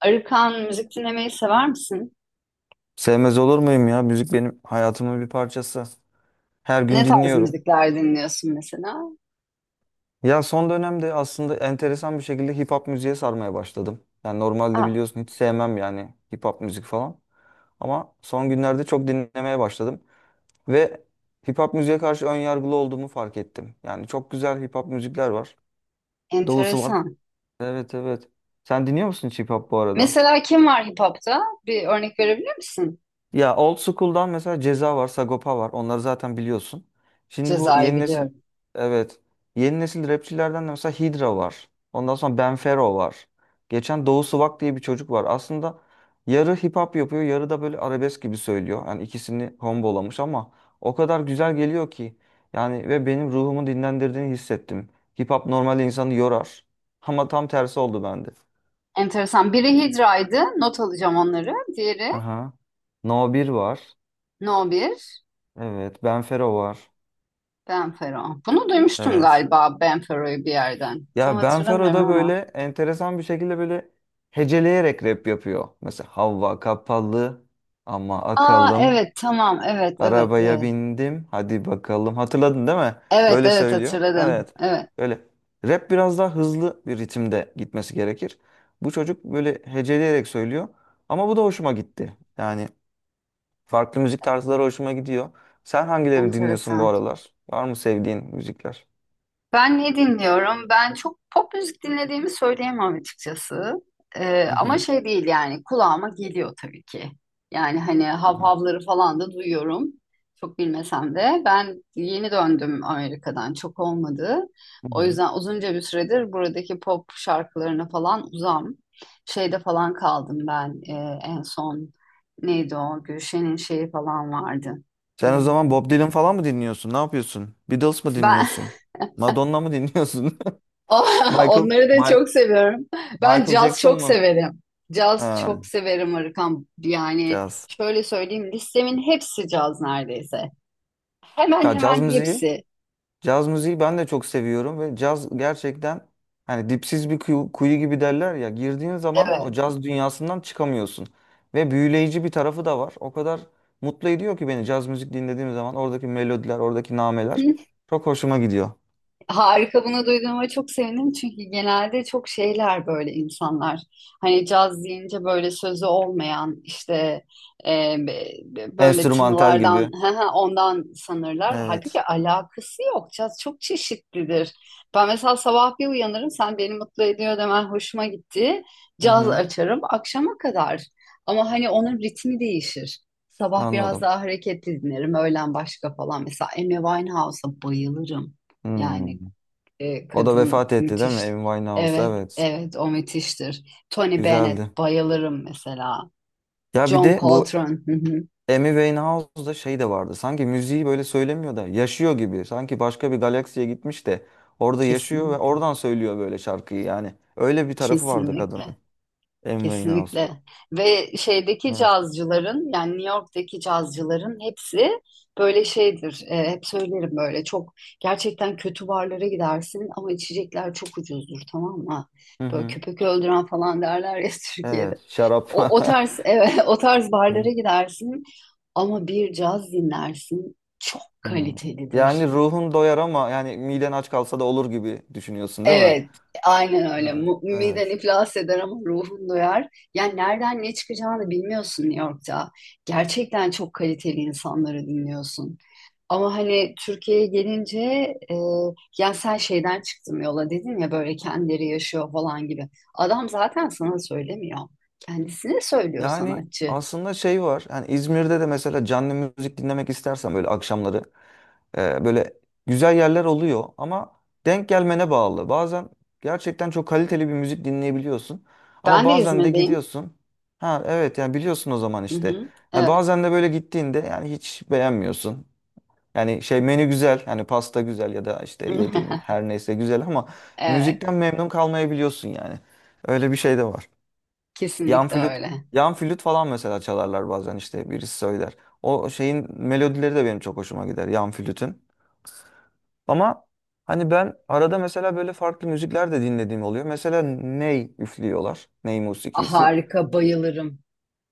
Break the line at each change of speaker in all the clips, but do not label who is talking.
Arıkan müzik dinlemeyi sever misin?
Sevmez olur muyum ya? Müzik benim hayatımın bir parçası. Her gün
Ne tarz
dinliyorum.
müzikler dinliyorsun mesela?
Ya son dönemde aslında enteresan bir şekilde hip hop müziğe sarmaya başladım. Yani normalde
Ah,
biliyorsun hiç sevmem yani hip hop müzik falan. Ama son günlerde çok dinlemeye başladım. Ve hip hop müziğe karşı ön yargılı olduğumu fark ettim. Yani çok güzel hip hop müzikler var. Doğusu var.
enteresan.
Evet, evet. Sen dinliyor musun hiç hip hop bu arada?
Mesela kim var hip hop'ta? Bir örnek verebilir misin?
Ya old school'dan mesela Ceza var, Sagopa var. Onları zaten biliyorsun. Şimdi bu
Ceza'yı
yeni nesil,
biliyorum.
evet. Yeni nesil rapçilerden de mesela Hydra var. Ondan sonra Benfero var. Geçen Doğu Sıvak diye bir çocuk var. Aslında yarı hip hop yapıyor, yarı da böyle arabesk gibi söylüyor. Yani ikisini kombolamış ama o kadar güzel geliyor ki. Yani ve benim ruhumu dinlendirdiğini hissettim. Hip hop normal insanı yorar. Ama tam tersi oldu bende.
Enteresan. Biri Hidra'ydı. Not alacağım onları. Diğeri
Aha. No 1 var.
No 1,
Evet. Benfero var.
Benfero. Bunu duymuştum
Evet.
galiba Benfero'yu bir yerden. Tam
Ya
hatırlamıyorum
Benfero'da böyle
ama.
enteresan bir şekilde böyle heceleyerek rap yapıyor. Mesela, "Hava kapalı ama
Aa,
akalım.
evet, tamam, evet, evet,
Arabaya
evet.
bindim hadi bakalım." Hatırladın değil mi?
Evet,
Böyle
evet,
söylüyor.
hatırladım.
Evet.
Evet,
Böyle rap biraz daha hızlı bir ritimde gitmesi gerekir. Bu çocuk böyle heceleyerek söylüyor. Ama bu da hoşuma gitti. Yani farklı müzik tarzları hoşuma gidiyor. Sen hangilerini dinliyorsun bu
enteresan.
aralar? Var mı sevdiğin müzikler?
Ben ne dinliyorum? Ben çok pop müzik dinlediğimi söyleyemem açıkçası.
Hı
Ama
hı.
şey değil yani kulağıma geliyor tabii ki. Yani hani
Hı hı.
havhavları falan da duyuyorum. Çok bilmesem de ben yeni döndüm Amerika'dan, çok olmadı.
Hı
O
hı.
yüzden uzunca bir süredir buradaki pop şarkılarına falan uzam. Şeyde falan kaldım ben en son neydi o Gülşen'in şeyi falan vardı.
Sen o
Hmm.
zaman Bob Dylan falan mı dinliyorsun? Ne yapıyorsun? Beatles mı
Ben
dinliyorsun? Madonna mı dinliyorsun? Michael,
Onları da
Mike,
çok seviyorum. Ben
Michael
caz
Jackson
çok
mu?
severim. Caz
Ha,
çok severim Arıkan. Yani
caz.
şöyle söyleyeyim, listemin hepsi caz neredeyse. Hemen
Ya caz
hemen
müziği,
hepsi.
caz müziği ben de çok seviyorum ve caz gerçekten hani dipsiz bir kuyu, kuyu gibi derler ya, girdiğin zaman o
Evet.
caz dünyasından çıkamıyorsun. Ve büyüleyici bir tarafı da var. O kadar mutlu ediyor ki beni, caz müzik dinlediğim zaman oradaki melodiler, oradaki nameler çok hoşuma gidiyor.
Harika, bunu duyduğuma çok sevindim çünkü genelde çok şeyler böyle insanlar. Hani caz deyince böyle sözü olmayan işte böyle
Enstrümantal
tınılardan
gibi.
ondan sanırlar.
Evet.
Halbuki alakası yok. Caz çok çeşitlidir. Ben mesela sabah bir uyanırım, sen beni mutlu ediyor demen hoşuma gitti.
Hı
Caz
hı,
açarım akşama kadar. Ama hani onun ritmi değişir. Sabah biraz
anladım.
daha hareketli dinlerim. Öğlen başka falan. Mesela Amy Winehouse'a bayılırım. Yani
Hmm. O da
kadın
vefat etti değil mi?
müthiş.
Amy Winehouse.
Evet,
Evet.
evet, o müthiştir. Tony
Güzeldi.
Bennett bayılırım mesela.
Ya bir
John
de bu
Coltrane. Hı hı.
Amy Winehouse'da şey de vardı. Sanki müziği böyle söylemiyor da yaşıyor gibi. Sanki başka bir galaksiye gitmiş de orada yaşıyor ve
Kesinlikle.
oradan söylüyor böyle şarkıyı yani. Öyle bir tarafı vardı
Kesinlikle.
kadının. Amy
Kesinlikle.
Winehouse'da.
Ve şeydeki
Evet.
cazcıların yani New York'taki cazcıların hepsi böyle şeydir. Hep söylerim, böyle çok gerçekten kötü barlara gidersin ama içecekler çok ucuzdur, tamam mı?
Hı
Böyle
hı.
köpek öldüren falan derler ya
Evet.
Türkiye'de.
Şarap.
O tarz evet o tarz barlara
Hı.
gidersin ama bir caz dinlersin, çok
Hı. Yani
kalitelidir.
ruhun doyar ama yani miden aç kalsa da olur gibi düşünüyorsun değil mi?
Evet, aynen öyle.
Ha.
Miden
Evet.
iflas eder ama ruhun doyar. Yani nereden ne çıkacağını bilmiyorsun New York'ta. Gerçekten çok kaliteli insanları dinliyorsun. Ama hani Türkiye'ye gelince e, yani sen şeyden çıktım yola dedin ya, böyle kendileri yaşıyor falan gibi. Adam zaten sana söylemiyor. Kendisine söylüyor
Yani
sanatçı.
aslında şey var. Yani İzmir'de de mesela canlı müzik dinlemek istersen böyle akşamları, böyle güzel yerler oluyor ama denk gelmene bağlı. Bazen gerçekten çok kaliteli bir müzik dinleyebiliyorsun ama
Ben de
bazen de
İzmir'deyim.
gidiyorsun. Ha, evet, yani biliyorsun o zaman
Hı
işte.
hı.
Ha,
Evet.
bazen de böyle gittiğinde yani hiç beğenmiyorsun. Yani şey, menü güzel, hani pasta güzel ya da işte yedin her neyse güzel ama
Evet,
müzikten memnun kalmayabiliyorsun yani. Öyle bir şey de var. Yan
kesinlikle
flüt,
öyle.
yan flüt falan mesela çalarlar bazen, işte birisi söyler. O şeyin melodileri de benim çok hoşuma gider, yan flütün. Ama hani ben arada mesela böyle farklı müzikler de dinlediğim oluyor. Mesela ney üflüyorlar. Ney musikisi.
Harika, bayılırım.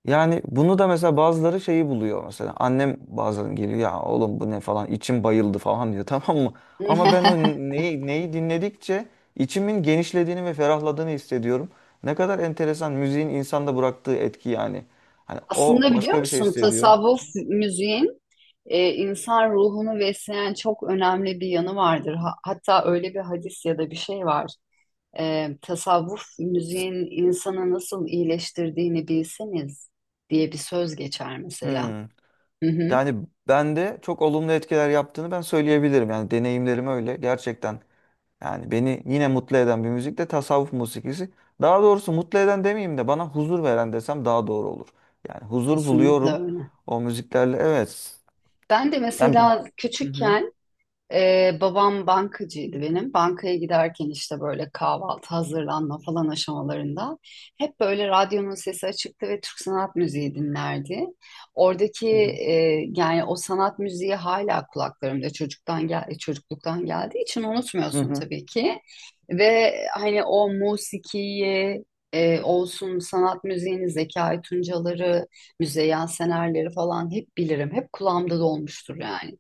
Yani bunu da mesela bazıları şeyi buluyor mesela. Annem bazen geliyor, "Ya oğlum, bu ne falan, içim bayıldı," falan diyor. Tamam mı? Ama ben o neyi dinledikçe içimin genişlediğini ve ferahladığını hissediyorum. Ne kadar enteresan müziğin insanda bıraktığı etki yani. Hani o
Aslında biliyor
başka bir şey
musun,
hissediyor.
tasavvuf müziğin insan ruhunu besleyen çok önemli bir yanı vardır. Hatta öyle bir hadis ya da bir şey var. Tasavvuf müziğin insanı nasıl iyileştirdiğini bilseniz diye bir söz geçer mesela.
Hmm.
Hı hı,
Yani bende çok olumlu etkiler yaptığını ben söyleyebilirim. Yani deneyimlerim öyle gerçekten. Yani beni yine mutlu eden bir müzik de tasavvuf musikisi. Daha doğrusu mutlu eden demeyeyim de bana huzur veren desem daha doğru olur. Yani huzur
kesinlikle
buluyorum
öyle.
o müziklerle. Evet.
Ben de
Yani.
mesela
Hı hı.
küçükken babam bankacıydı benim. Bankaya giderken işte böyle kahvaltı hazırlanma falan aşamalarında hep böyle radyonun sesi açıktı ve Türk sanat müziği dinlerdi. Oradaki
Hı hı.
yani o sanat müziği hala kulaklarımda çocukluktan geldiği için
Hı
unutmuyorsun
hı.
tabii ki. Ve hani o musikiyi olsun sanat müziğini, Zekai Tuncaları, Müzeyyen Senerleri falan hep bilirim. Hep kulağımda dolmuştur yani.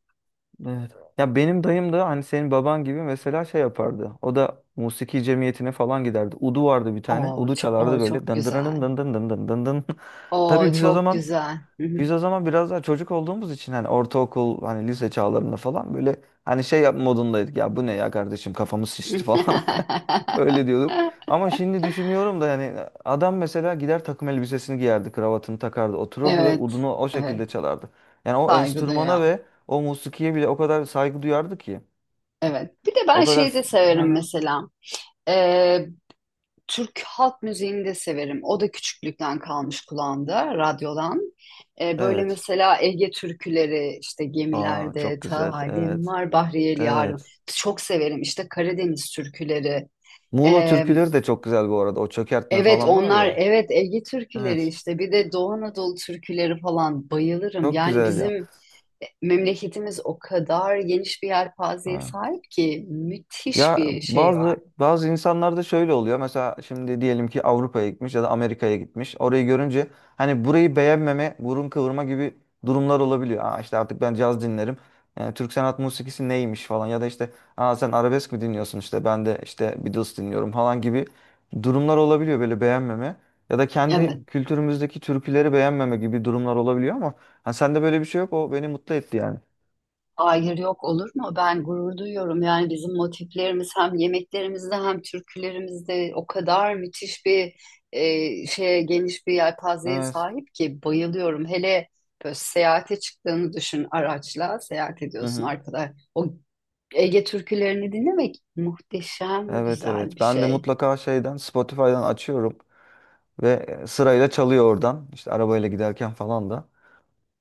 Evet. Ya benim dayım da hani senin baban gibi mesela şey yapardı. O da musiki cemiyetine falan giderdi. Udu vardı bir tane.
Oo,
Udu
çok, oo,
çalardı böyle.
çok
Dın dın dın dın
güzel.
dın dın dın dın dın.
Oo,
Tabii, biz o
çok
zaman
güzel.
Biz o zaman biraz daha çocuk olduğumuz için hani ortaokul, hani lise çağlarında falan böyle hani şey yap modundaydık ya, "Bu ne ya kardeşim, kafamız şişti," falan. Öyle diyorduk. Ama şimdi düşünüyorum da yani adam mesela gider, takım elbisesini giyerdi, kravatını takardı, otururdu ve
Evet,
udunu o
evet.
şekilde çalardı. Yani o
Saygı
enstrümana
duyuyorum.
ve o musikiye bile o kadar saygı duyardı ki,
Evet. Bir de ben
o kadar.
şeyi de
Hı
severim
hı.
mesela. Ee, Türk halk müziğini de severim. O da küçüklükten kalmış kulağımda, radyodan. Böyle
Evet.
mesela Ege türküleri, işte
Aa,
gemilerde
çok güzel,
talim
evet,
var, Bahriyeli Yarım.
evet.
Çok severim. İşte Karadeniz türküleri.
Muğla türküleri de çok güzel bu arada, o çökertme
Evet
falan var
onlar,
ya.
evet Ege türküleri,
Evet,
işte bir de Doğu Anadolu türküleri falan bayılırım.
çok
Yani
güzel
bizim
ya.
memleketimiz o kadar geniş bir yelpazeye
Ha.
sahip ki, müthiş
Ya
bir şey var.
bazı bazı insanlarda şöyle oluyor. Mesela şimdi diyelim ki Avrupa'ya gitmiş ya da Amerika'ya gitmiş. Orayı görünce hani burayı beğenmeme, burun kıvırma gibi durumlar olabiliyor. "Aa işte artık ben caz dinlerim. Yani Türk sanat musikisi neymiş falan." Ya da işte, "Aa sen arabesk mi dinliyorsun, işte ben de işte Beatles dinliyorum," falan gibi durumlar olabiliyor, böyle beğenmeme. Ya da kendi
Evet.
kültürümüzdeki türküleri beğenmeme gibi durumlar olabiliyor ama ha, sende böyle bir şey yok. O beni mutlu etti yani.
Hayır, yok olur mu? Ben gurur duyuyorum. Yani bizim motiflerimiz hem yemeklerimizde hem türkülerimizde o kadar müthiş bir e, şeye geniş bir yelpazeye sahip ki bayılıyorum. Hele böyle seyahate çıktığını düşün, araçla seyahat ediyorsun
Evet.
arkadaş. O Ege türkülerini dinlemek muhteşem
Evet,
güzel bir
evet. Ben de
şey.
mutlaka şeyden, Spotify'dan açıyorum ve sırayla çalıyor oradan. İşte arabayla giderken falan da.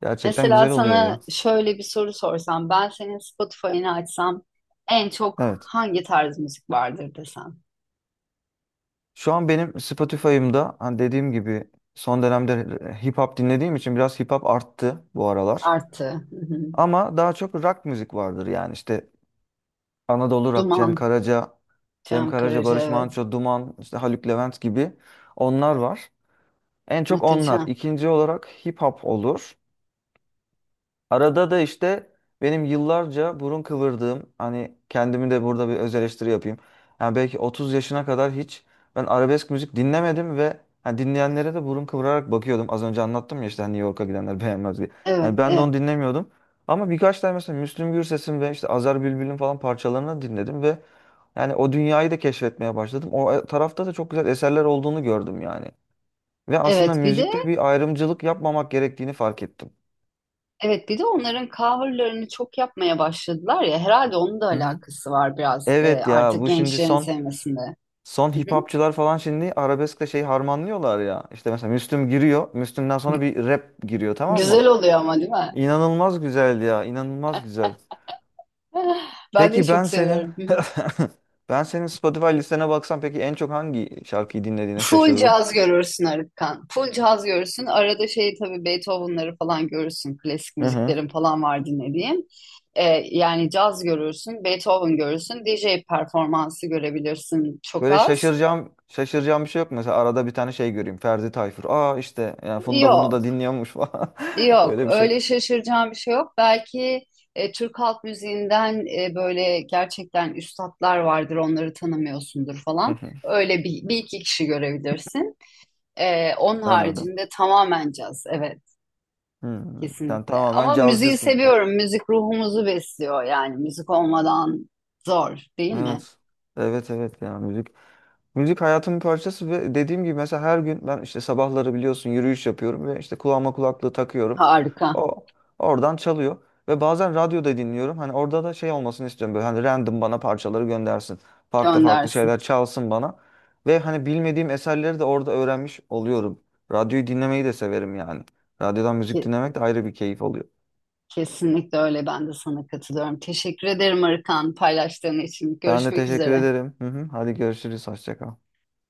Gerçekten
Mesela
güzel oluyor
sana
ya.
şöyle bir soru sorsam, ben senin Spotify'ını açsam en çok
Evet.
hangi tarz müzik vardır desem.
Şu an benim Spotify'ımda, hani dediğim gibi, son dönemde hip hop dinlediğim için biraz hip hop arttı bu aralar.
Artı, hı hı.
Ama daha çok rock müzik vardır yani, işte Anadolu Rock, Cem
Duman,
Karaca, Cem
Cem
Karaca,
Karaca,
Barış
evet.
Manço, Duman, işte Haluk Levent gibi, onlar var. En çok onlar.
Muhteşem.
İkinci olarak hip hop olur. Arada da işte benim yıllarca burun kıvırdığım, hani kendimi de burada bir öz eleştiri yapayım. Yani belki 30 yaşına kadar hiç ben arabesk müzik dinlemedim ve hani dinleyenlere de burun kıvırarak bakıyordum. Az önce anlattım ya, işte hani New York'a gidenler beğenmez diye. Yani
Evet,
ben de onu
evet.
dinlemiyordum. Ama birkaç tane mesela Müslüm Gürses'in ve işte Azer Bülbül'ün falan parçalarını dinledim ve yani o dünyayı da keşfetmeye başladım. O tarafta da çok güzel eserler olduğunu gördüm yani. Ve aslında
Evet bir de,
müzikte bir ayrımcılık yapmamak gerektiğini fark ettim.
evet bir de onların coverlarını çok yapmaya başladılar ya, herhalde onun da
Hı hı.
alakası var biraz
Evet ya,
artık
bu şimdi
gençlerin
son
sevmesinde.
son
Hı
hip
hı.
hopçılar falan şimdi arabeskle şey harmanlıyorlar ya. İşte mesela Müslüm giriyor. Müslüm'den sonra bir rap giriyor, tamam mı?
Güzel oluyor ama, değil mi?
İnanılmaz güzel ya, inanılmaz güzel.
Ben de
Peki ben
çok
senin
seviyorum.
ben senin Spotify listene baksam peki en çok hangi şarkıyı dinlediğine
Full
şaşırırım.
caz görürsün Arıkan. Full caz görürsün. Arada şey tabii Beethoven'ları falan görürsün. Klasik
Hı hı.
müziklerin falan var dinlediğim. Ee, Yani caz görürsün, Beethoven görürsün, DJ performansı görebilirsin çok
Böyle
az.
şaşıracağım bir şey yok mu? Mesela arada bir tane şey göreyim. Ferdi Tayfur. "Aa işte yani Funda bunu da
Yok,
dinliyormuş," falan.
yok.
Öyle bir şey.
Öyle şaşıracağım bir şey yok. Belki Türk halk müziğinden böyle gerçekten üstatlar vardır, onları tanımıyorsundur
Hı
falan.
hı.
Öyle bir iki kişi görebilirsin. Onun
Anladım.
haricinde tamamen caz, evet.
Hı hı. Sen
Kesinlikle.
tamamen
Ama müziği
cazcısın.
seviyorum. Müzik ruhumuzu besliyor. Yani müzik olmadan zor, değil mi?
Evet. Evet, evet ya, müzik. Müzik hayatımın parçası ve dediğim gibi mesela her gün ben, işte sabahları biliyorsun, yürüyüş yapıyorum ve işte kulağıma kulaklığı takıyorum.
Harika.
O oradan çalıyor ve bazen radyoda dinliyorum. Hani orada da şey olmasını istiyorum, böyle hani random bana parçaları göndersin. Farklı farklı
Göndersin.
şeyler çalsın bana. Ve hani bilmediğim eserleri de orada öğrenmiş oluyorum. Radyoyu dinlemeyi de severim yani. Radyodan müzik
Ke-
dinlemek de ayrı bir keyif oluyor.
Kesinlikle öyle. Ben de sana katılıyorum. Teşekkür ederim Arıkan paylaştığın için.
Ben de
Görüşmek
teşekkür
üzere.
ederim. Hı hı. Hadi görüşürüz. Hoşça kal.